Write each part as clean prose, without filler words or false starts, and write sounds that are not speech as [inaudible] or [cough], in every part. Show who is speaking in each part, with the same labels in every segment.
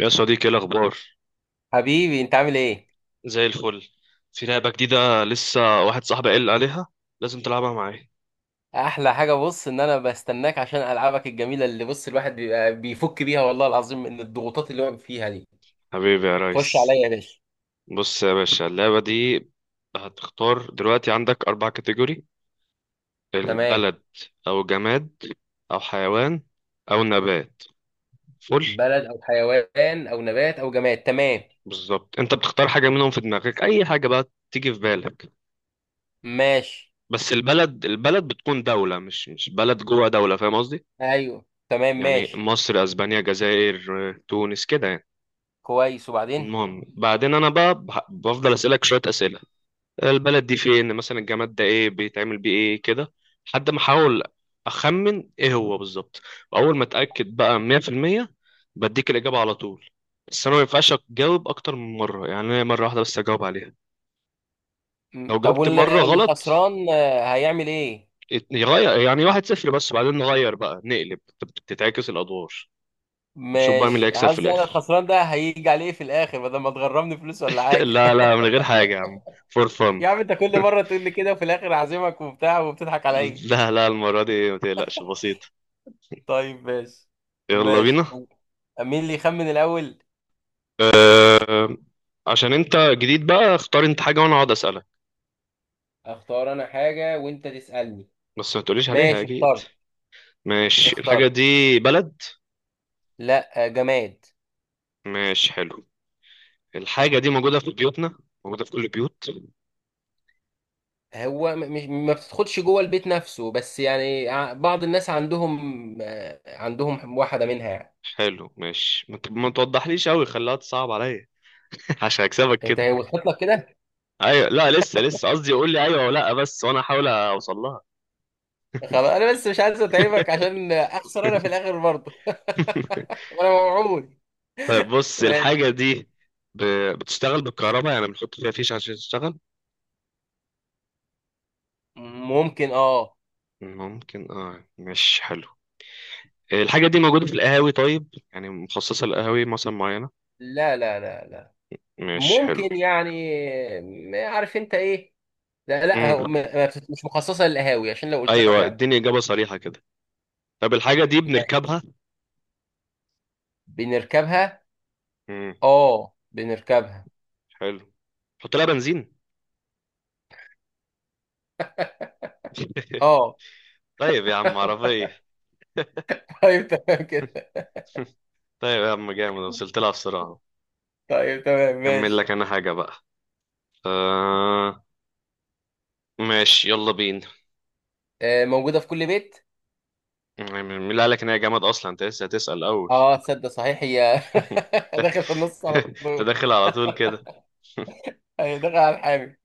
Speaker 1: يا صديقي ايه الاخبار؟
Speaker 2: حبيبي انت عامل ايه؟
Speaker 1: زي الفل. في لعبه جديده لسه واحد صاحبي قال عليها، لازم تلعبها معايا.
Speaker 2: احلى حاجه، بص ان انا بستناك عشان العابك الجميله، اللي بص الواحد بيبقى بيفك بيها والله العظيم من الضغوطات اللي هو فيها دي.
Speaker 1: حبيبي يا
Speaker 2: خش
Speaker 1: ريس.
Speaker 2: عليا يا باشا.
Speaker 1: بص يا باشا، اللعبه دي هتختار دلوقتي عندك اربع كاتيجوري:
Speaker 2: تمام.
Speaker 1: البلد او جماد او حيوان او نبات. فل.
Speaker 2: بلد او حيوان او نبات او جماد، تمام.
Speaker 1: بالظبط، انت بتختار حاجه منهم في دماغك، اي حاجه بقى تيجي في بالك.
Speaker 2: ماشي.
Speaker 1: بس البلد، البلد بتكون دوله مش بلد جوه دوله، فاهم قصدي؟
Speaker 2: ايوه، تمام،
Speaker 1: يعني
Speaker 2: ماشي.
Speaker 1: مصر، اسبانيا، جزائر، تونس، كده يعني.
Speaker 2: كويس، وبعدين؟
Speaker 1: المهم بعدين انا بقى بفضل اسالك شويه اسئله: البلد دي فين مثلا، الجماد ده ايه، بيتعمل بيه ايه، كده، لحد ما احاول اخمن ايه هو بالظبط. واول ما اتاكد بقى 100%، بديك الاجابه على طول. بس انا ما ينفعش اجاوب اكتر من مره، يعني أنا مره واحده بس اجاوب عليها. لو
Speaker 2: طب
Speaker 1: جبت مره غلط،
Speaker 2: الخسران هيعمل ايه؟
Speaker 1: يغير، يعني واحد صفر، بس بعدين نغير بقى، نقلب، تتعكس الادوار. نشوف بقى مين اللي
Speaker 2: ماشي،
Speaker 1: هيكسب في
Speaker 2: قصدي انا
Speaker 1: الاخر.
Speaker 2: الخسران ده هيجي عليه في الاخر، بدل ما تغرمني فلوس ولا
Speaker 1: [laughs]
Speaker 2: حاجه.
Speaker 1: لا لا، من غير حاجه يا عم، فور
Speaker 2: [laughs]
Speaker 1: فن.
Speaker 2: يا عم، انت كل مره تقول لي كده، وفي الاخر اعزمك وبتاع وبتضحك عليا.
Speaker 1: لا لا، المرة دي ما تقلقش، بسيط.
Speaker 2: طيب، ماشي.
Speaker 1: يلا بينا.
Speaker 2: ماشي. مين اللي يخمن الأول؟
Speaker 1: عشان انت جديد بقى، اختار انت حاجة وانا اقعد اسألك،
Speaker 2: اختار انا حاجة وانت تسألني.
Speaker 1: بس ما تقوليش عليها
Speaker 2: ماشي،
Speaker 1: اكيد.
Speaker 2: اخترت.
Speaker 1: ماشي، الحاجة
Speaker 2: اخترت.
Speaker 1: دي بلد.
Speaker 2: لا، جماد.
Speaker 1: ماشي، حلو. الحاجة دي موجودة في بيوتنا، موجودة في كل البيوت.
Speaker 2: هو مش ما بتدخلش جوه البيت نفسه، بس يعني بعض الناس عندهم، عندهم واحدة منها يعني.
Speaker 1: حلو ماشي، ما توضحليش قوي، خليها تصعب عليا. [laughs] عشان اكسبك
Speaker 2: انت
Speaker 1: كده.
Speaker 2: وصلت لك كده.
Speaker 1: ايوه، لا لسه لسه، قصدي قول لي ايوه ولا لا بس، وانا احاول اوصل لها.
Speaker 2: خلاص، انا بس مش عايز اتعبك عشان اخسر انا في الاخر برضه. [laughs]
Speaker 1: [laughs]
Speaker 2: وانا موعود.
Speaker 1: طيب بص، الحاجة
Speaker 2: ماشي.
Speaker 1: دي ب... بتشتغل بالكهرباء، يعني بنحط فيها فيش عشان تشتغل.
Speaker 2: ممكن، اه.
Speaker 1: ممكن اه؟ ماشي حلو. الحاجة دي موجودة في القهاوي طيب، يعني مخصصة للقهاوي مثلا معينة.
Speaker 2: لا لا لا لا.
Speaker 1: مش حلو.
Speaker 2: ممكن يعني. عارف انت ايه. لا لا، هو
Speaker 1: امم
Speaker 2: ما بتت- مش مخصصه للقهاوي، عشان لو قلت لك
Speaker 1: ايوه،
Speaker 2: هتعرف.
Speaker 1: اديني إجابة صريحة كده. طب الحاجة دي
Speaker 2: ماشي.
Speaker 1: بنركبها.
Speaker 2: بنركبها.
Speaker 1: امم
Speaker 2: اه، بنركبها.
Speaker 1: حلو. حط لها بنزين. [laughs]
Speaker 2: اه.
Speaker 1: طيب يا عم،
Speaker 2: [laughs]
Speaker 1: عربية.
Speaker 2: طيب، تمام كده.
Speaker 1: [laughs] طيب يا عم جامد، وصلت لها بسرعة.
Speaker 2: طيب، تمام،
Speaker 1: كمل
Speaker 2: ماشي.
Speaker 1: لك انا حاجة بقى. آه ماشي، يلا بينا.
Speaker 2: موجوده في كل بيت.
Speaker 1: مين اللي قالك ان هي جامد اصلا؟ انت لسه هتسأل اول.
Speaker 2: اه، تصدق صحيح هي. [laughs] داخل في النص على
Speaker 1: [laughs]
Speaker 2: طول.
Speaker 1: تدخل على طول كده. [laughs]
Speaker 2: هي داخل على الحامي.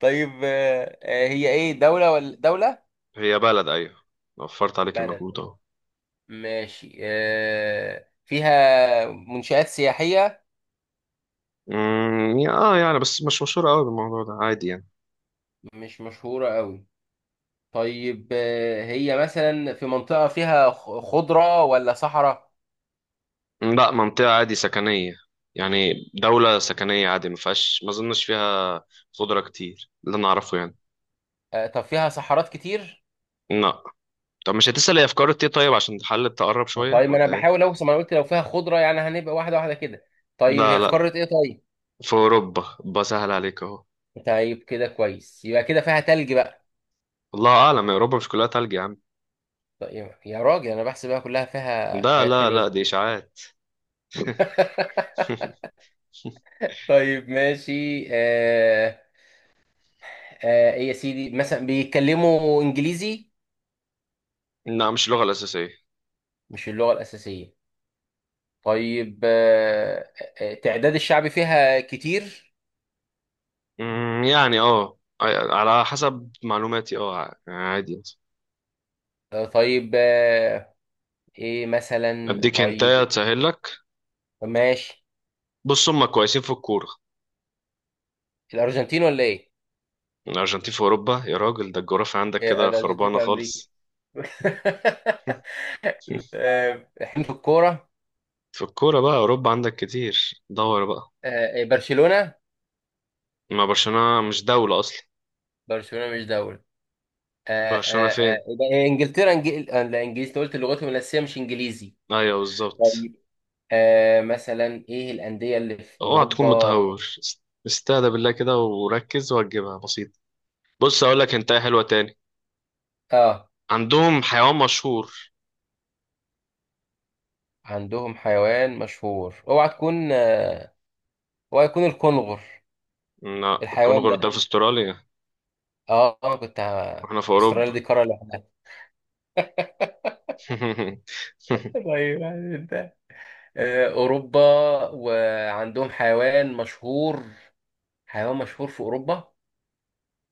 Speaker 2: طيب، هي ايه، دوله ولا دوله؟
Speaker 1: هي بلد، ايوه، وفرت عليك
Speaker 2: بلد.
Speaker 1: المجهود اهو.
Speaker 2: ماشي، فيها منشآت سياحيه.
Speaker 1: اه يعني، بس مش مشهورة قوي بالموضوع ده، عادي يعني.
Speaker 2: مش مشهوره قوي. طيب، هي مثلا في منطقة فيها خضرة ولا صحراء؟
Speaker 1: لا، منطقة عادي سكنية، يعني دولة سكنية عادي، ما فيهاش، ما اظنش فيها خضرة كتير اللي انا اعرفه يعني.
Speaker 2: طب فيها صحارات كتير؟
Speaker 1: لا. طب مش هتسأل هي افكار ايه طيب، عشان تحل، تقرب شوية،
Speaker 2: طيب، ما انا
Speaker 1: ولا ايه؟
Speaker 2: بحاول اوصل، ما انا قلت لو فيها خضرة يعني هنبقى واحدة واحدة كده. طيب،
Speaker 1: لا
Speaker 2: هي في
Speaker 1: لا،
Speaker 2: قارة ايه طيب؟
Speaker 1: في اوروبا، بسهل عليك اهو.
Speaker 2: طيب كده كويس، يبقى كده فيها تلج بقى.
Speaker 1: الله اعلم، يا اوروبا مش كلها تلج يا عم.
Speaker 2: طيب يا راجل، انا بحسب بقى كلها فيها
Speaker 1: ده
Speaker 2: حاجات
Speaker 1: لا
Speaker 2: حلوة
Speaker 1: لا،
Speaker 2: زي.
Speaker 1: دي اشاعات.
Speaker 2: [laughs]
Speaker 1: [laughs]
Speaker 2: طيب، ماشي. إيه يا سيدي، مثلا بيتكلموا انجليزي؟
Speaker 1: لا، مش اللغة الأساسية.
Speaker 2: مش اللغة الأساسية. طيب. تعداد الشعب فيها كتير؟
Speaker 1: يعني اه، على حسب معلوماتي اه، عادي.
Speaker 2: طيب، ايه مثلا
Speaker 1: اديك هنتايه
Speaker 2: طيب.
Speaker 1: تسهل لك.
Speaker 2: ماشي.
Speaker 1: بص، هم كويسين في الكورة.
Speaker 2: الارجنتين ولا ايه؟
Speaker 1: الأرجنتين في أوروبا يا راجل؟ ده الجغرافيا عندك
Speaker 2: إيه،
Speaker 1: كده
Speaker 2: الارجنتين
Speaker 1: خربانة
Speaker 2: في امريكا.
Speaker 1: خالص.
Speaker 2: [laughs]
Speaker 1: [laughs]
Speaker 2: احنا في الكوره.
Speaker 1: في الكورة بقى، أوروبا عندك كتير، دور بقى.
Speaker 2: إيه، برشلونه.
Speaker 1: ما برشلونة مش دولة أصلا.
Speaker 2: برشلونه مش دوله.
Speaker 1: برشلونة فين؟
Speaker 2: يبقى إيه، انجلترا إنجل... آه، لا، انجليزي، أنت قلت لغتهم الاساسيه مش انجليزي.
Speaker 1: أيوة بالظبط.
Speaker 2: طيب، مثلا ايه الانديه اللي في
Speaker 1: اوعى تكون
Speaker 2: اوروبا؟
Speaker 1: متهور، استهدى بالله كده وركز وهتجيبها بسيط. بص أقول لك أنت إيه حلوة تاني.
Speaker 2: اه،
Speaker 1: عندهم حيوان مشهور.
Speaker 2: عندهم حيوان مشهور، اوعى تكون اوعى يكون الكونغر
Speaker 1: لا،
Speaker 2: الحيوان
Speaker 1: الكونغر ده
Speaker 2: ده.
Speaker 1: في استراليا،
Speaker 2: اه، كنت
Speaker 1: واحنا في
Speaker 2: استراليا دي
Speaker 1: أوروبا.
Speaker 2: قارة لوحدها.
Speaker 1: [laughs]
Speaker 2: طيب يعني انت، اوروبا، وعندهم حيوان مشهور، حيوان مشهور في اوروبا.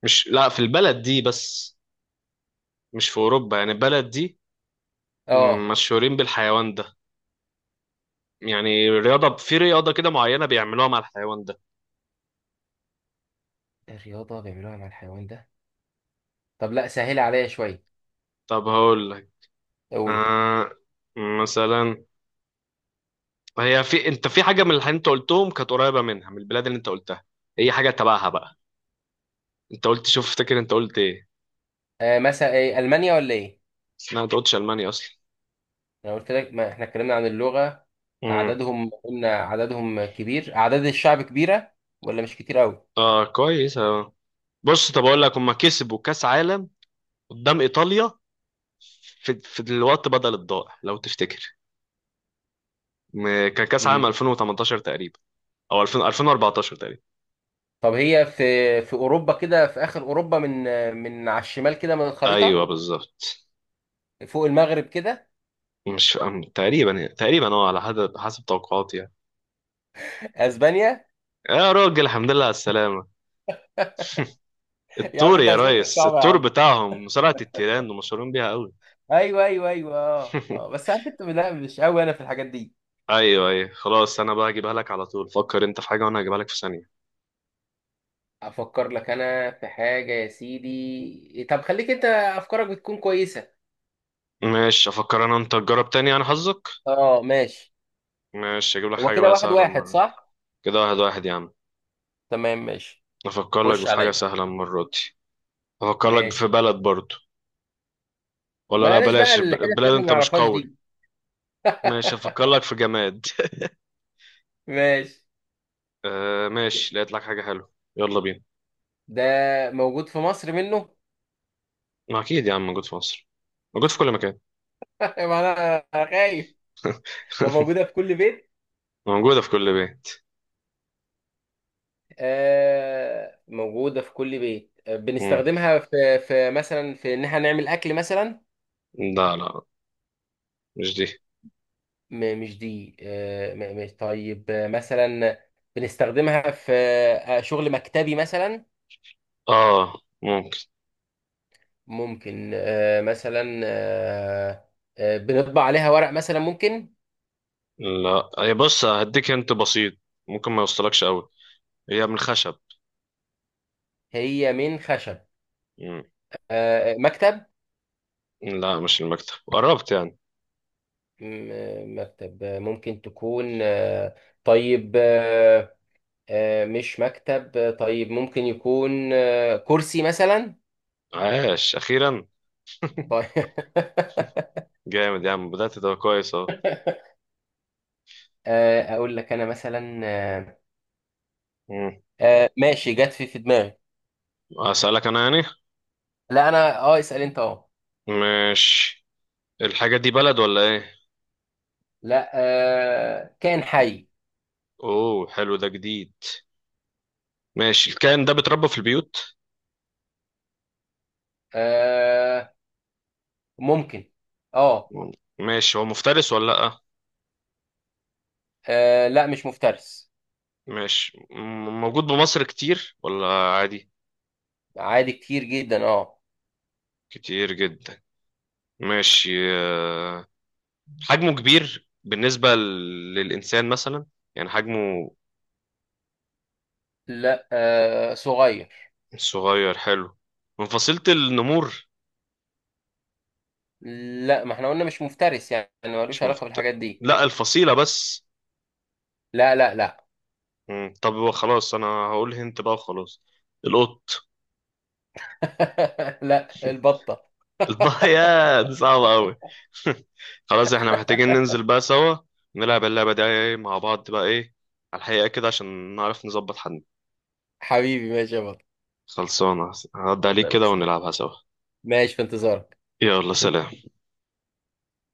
Speaker 1: مش لا، في البلد دي بس، مش في أوروبا، يعني البلد دي
Speaker 2: اه.
Speaker 1: مشهورين بالحيوان ده، يعني في رياضة كده معينة بيعملوها مع الحيوان ده.
Speaker 2: إيه الرياضه بيعملوها مع الحيوان ده؟ طب لا، سهل عليا شويه.
Speaker 1: طب هقول لك،
Speaker 2: اقول.
Speaker 1: آه، مثلا، هي، في انت في حاجة من اللي انت قلتهم كانت قريبة منها، من البلاد اللي انت قلتها، هي حاجة تبعها بقى. انت قلت، شوف افتكر انت قلت ايه.
Speaker 2: مثلا ايه، المانيا ولا ايه؟
Speaker 1: لا، انت قلتش ألمانيا اصلا.
Speaker 2: انا قلت لك، ما احنا اتكلمنا عن اللغه،
Speaker 1: امم،
Speaker 2: اعدادهم قلنا اعدادهم كبير، اعداد الشعب كبيره، ولا مش كتير قوي.
Speaker 1: اه كويس اه، بص طب اقول لك، هما كسبوا كأس عالم قدام ايطاليا، في الوقت بدل الضائع لو تفتكر. كان كأس
Speaker 2: مم.
Speaker 1: عالم 2018 تقريبا، او 2000، 2014 تقريبا.
Speaker 2: طب هي في، في اوروبا كده، في اخر اوروبا من، من على الشمال كده من
Speaker 1: ايوه
Speaker 2: الخريطه،
Speaker 1: بالظبط.
Speaker 2: فوق المغرب كده.
Speaker 1: مش أم- تقريبا تقريبا اه، على حسب توقعاتي يعني.
Speaker 2: اسبانيا.
Speaker 1: يا راجل الحمد لله على السلامة.
Speaker 2: يا عم،
Speaker 1: التور
Speaker 2: انت
Speaker 1: يا
Speaker 2: اسئلتك
Speaker 1: ريس،
Speaker 2: صعبه يا
Speaker 1: التور
Speaker 2: عم.
Speaker 1: بتاعهم، مصارعة التيران، ومشهورين بيها قوي.
Speaker 2: ايوه، ايوه، ايوه، اه، اه،
Speaker 1: [laughs]
Speaker 2: بس انا كنت لا، مش قوي انا في الحاجات دي.
Speaker 1: ايوه ايوه، خلاص انا بقى هجيبها لك على طول. فكر انت في حاجة وانا هجيبها لك في ثانية.
Speaker 2: افكر لك انا في حاجه يا سيدي، طب خليك انت، افكارك بتكون كويسه.
Speaker 1: ماشي، افكر انا، انت تجرب تاني يعني حظك.
Speaker 2: اه ماشي.
Speaker 1: ماشي، اجيب لك
Speaker 2: هو
Speaker 1: حاجة
Speaker 2: كده
Speaker 1: بقى
Speaker 2: واحد
Speaker 1: سهلة
Speaker 2: واحد
Speaker 1: المرة.
Speaker 2: صح؟
Speaker 1: كده واحد واحد يا عم.
Speaker 2: تمام، ماشي.
Speaker 1: افكر لك
Speaker 2: خش
Speaker 1: في حاجة
Speaker 2: عليا.
Speaker 1: سهلة المرة دي. افكر لك في
Speaker 2: ماشي.
Speaker 1: بلد برضه. ولا لا
Speaker 2: بلاش بقى
Speaker 1: بلاش،
Speaker 2: الحتت اللي
Speaker 1: البلاد
Speaker 2: احنا ما
Speaker 1: انت مش
Speaker 2: نعرفهاش
Speaker 1: قوي.
Speaker 2: دي.
Speaker 1: ماشي،
Speaker 2: [laughs]
Speaker 1: افكر لك في جماد.
Speaker 2: ماشي.
Speaker 1: [laughs] آه ماشي، لقيت لك حاجة حلوة. يلا بينا.
Speaker 2: ده موجود في مصر منه.
Speaker 1: ما اكيد يا عم، موجود في مصر، موجود في كل مكان.
Speaker 2: [laughs] ما انا خايف. ده
Speaker 1: [laughs]
Speaker 2: موجوده في كل بيت.
Speaker 1: موجودة في كل بيت.
Speaker 2: موجودة في كل بيت،
Speaker 1: مم.
Speaker 2: بنستخدمها في مثلا، في إن إحنا نعمل أكل مثلا.
Speaker 1: لا لا، مش دي.
Speaker 2: مش دي. مش. طيب، مثلا بنستخدمها في شغل مكتبي مثلا.
Speaker 1: اه ممكن.
Speaker 2: ممكن. مثلا بنطبع عليها ورق مثلا، ممكن.
Speaker 1: لا، هي بص، هديك انت بسيط، ممكن ما يوصلكش قوي. هي من الخشب.
Speaker 2: هي من خشب؟
Speaker 1: مم.
Speaker 2: مكتب.
Speaker 1: لا، مش المكتب، قربت يعني.
Speaker 2: مكتب ممكن تكون. طيب مش مكتب. طيب ممكن يكون كرسي مثلا.
Speaker 1: عاش اخيرا. [laughs]
Speaker 2: طيب. [laughs]
Speaker 1: جامد يا عم، بدأت، ده كويس اهو.
Speaker 2: اقول لك انا مثلا
Speaker 1: مم.
Speaker 2: ماشي، جت في دماغي.
Speaker 1: اسألك انا يعني؟
Speaker 2: لا، انا اه، اسال انت اه.
Speaker 1: مش، الحاجة دي بلد ولا ايه؟
Speaker 2: لا، كائن حي.
Speaker 1: اوه حلو، ده جديد. ماشي، الكائن ده بيتربى في البيوت.
Speaker 2: آه، ممكن. اه.
Speaker 1: ماشي، هو مفترس ولا لأ؟
Speaker 2: لا مش مفترس.
Speaker 1: ماشي، موجود بمصر كتير ولا عادي؟
Speaker 2: عادي، كتير جدا اه.
Speaker 1: كتير جدا. ماشي. آه، حجمه كبير بالنسبة للإنسان مثلا؟ يعني حجمه.
Speaker 2: لا، صغير.
Speaker 1: صغير، حلو. من فصيلة النمور.
Speaker 2: لا، ما احنا قلنا مش مفترس، يعني ملوش
Speaker 1: مش
Speaker 2: علاقة
Speaker 1: مفت...
Speaker 2: بالحاجات دي.
Speaker 1: لا الفصيلة بس.
Speaker 2: لا لا لا.
Speaker 1: طب خلاص أنا هقول هنت بقى وخلاص. القط.
Speaker 2: [laughs] لا،
Speaker 1: [laughs]
Speaker 2: البطة.
Speaker 1: يا دي صعبة أوي. [laughs] خلاص، احنا محتاجين ننزل بقى سوا، نلعب اللعبة دي مع بعض بقى، ايه، على الحقيقة كده، عشان نعرف نظبط حد.
Speaker 2: حبيبي ماشي يا بطة.
Speaker 1: خلصانة، هعدي عليك
Speaker 2: لا،
Speaker 1: كده
Speaker 2: بإذن الله.
Speaker 1: ونلعبها سوا.
Speaker 2: ماشي، في انتظارك.
Speaker 1: يلا، سلام.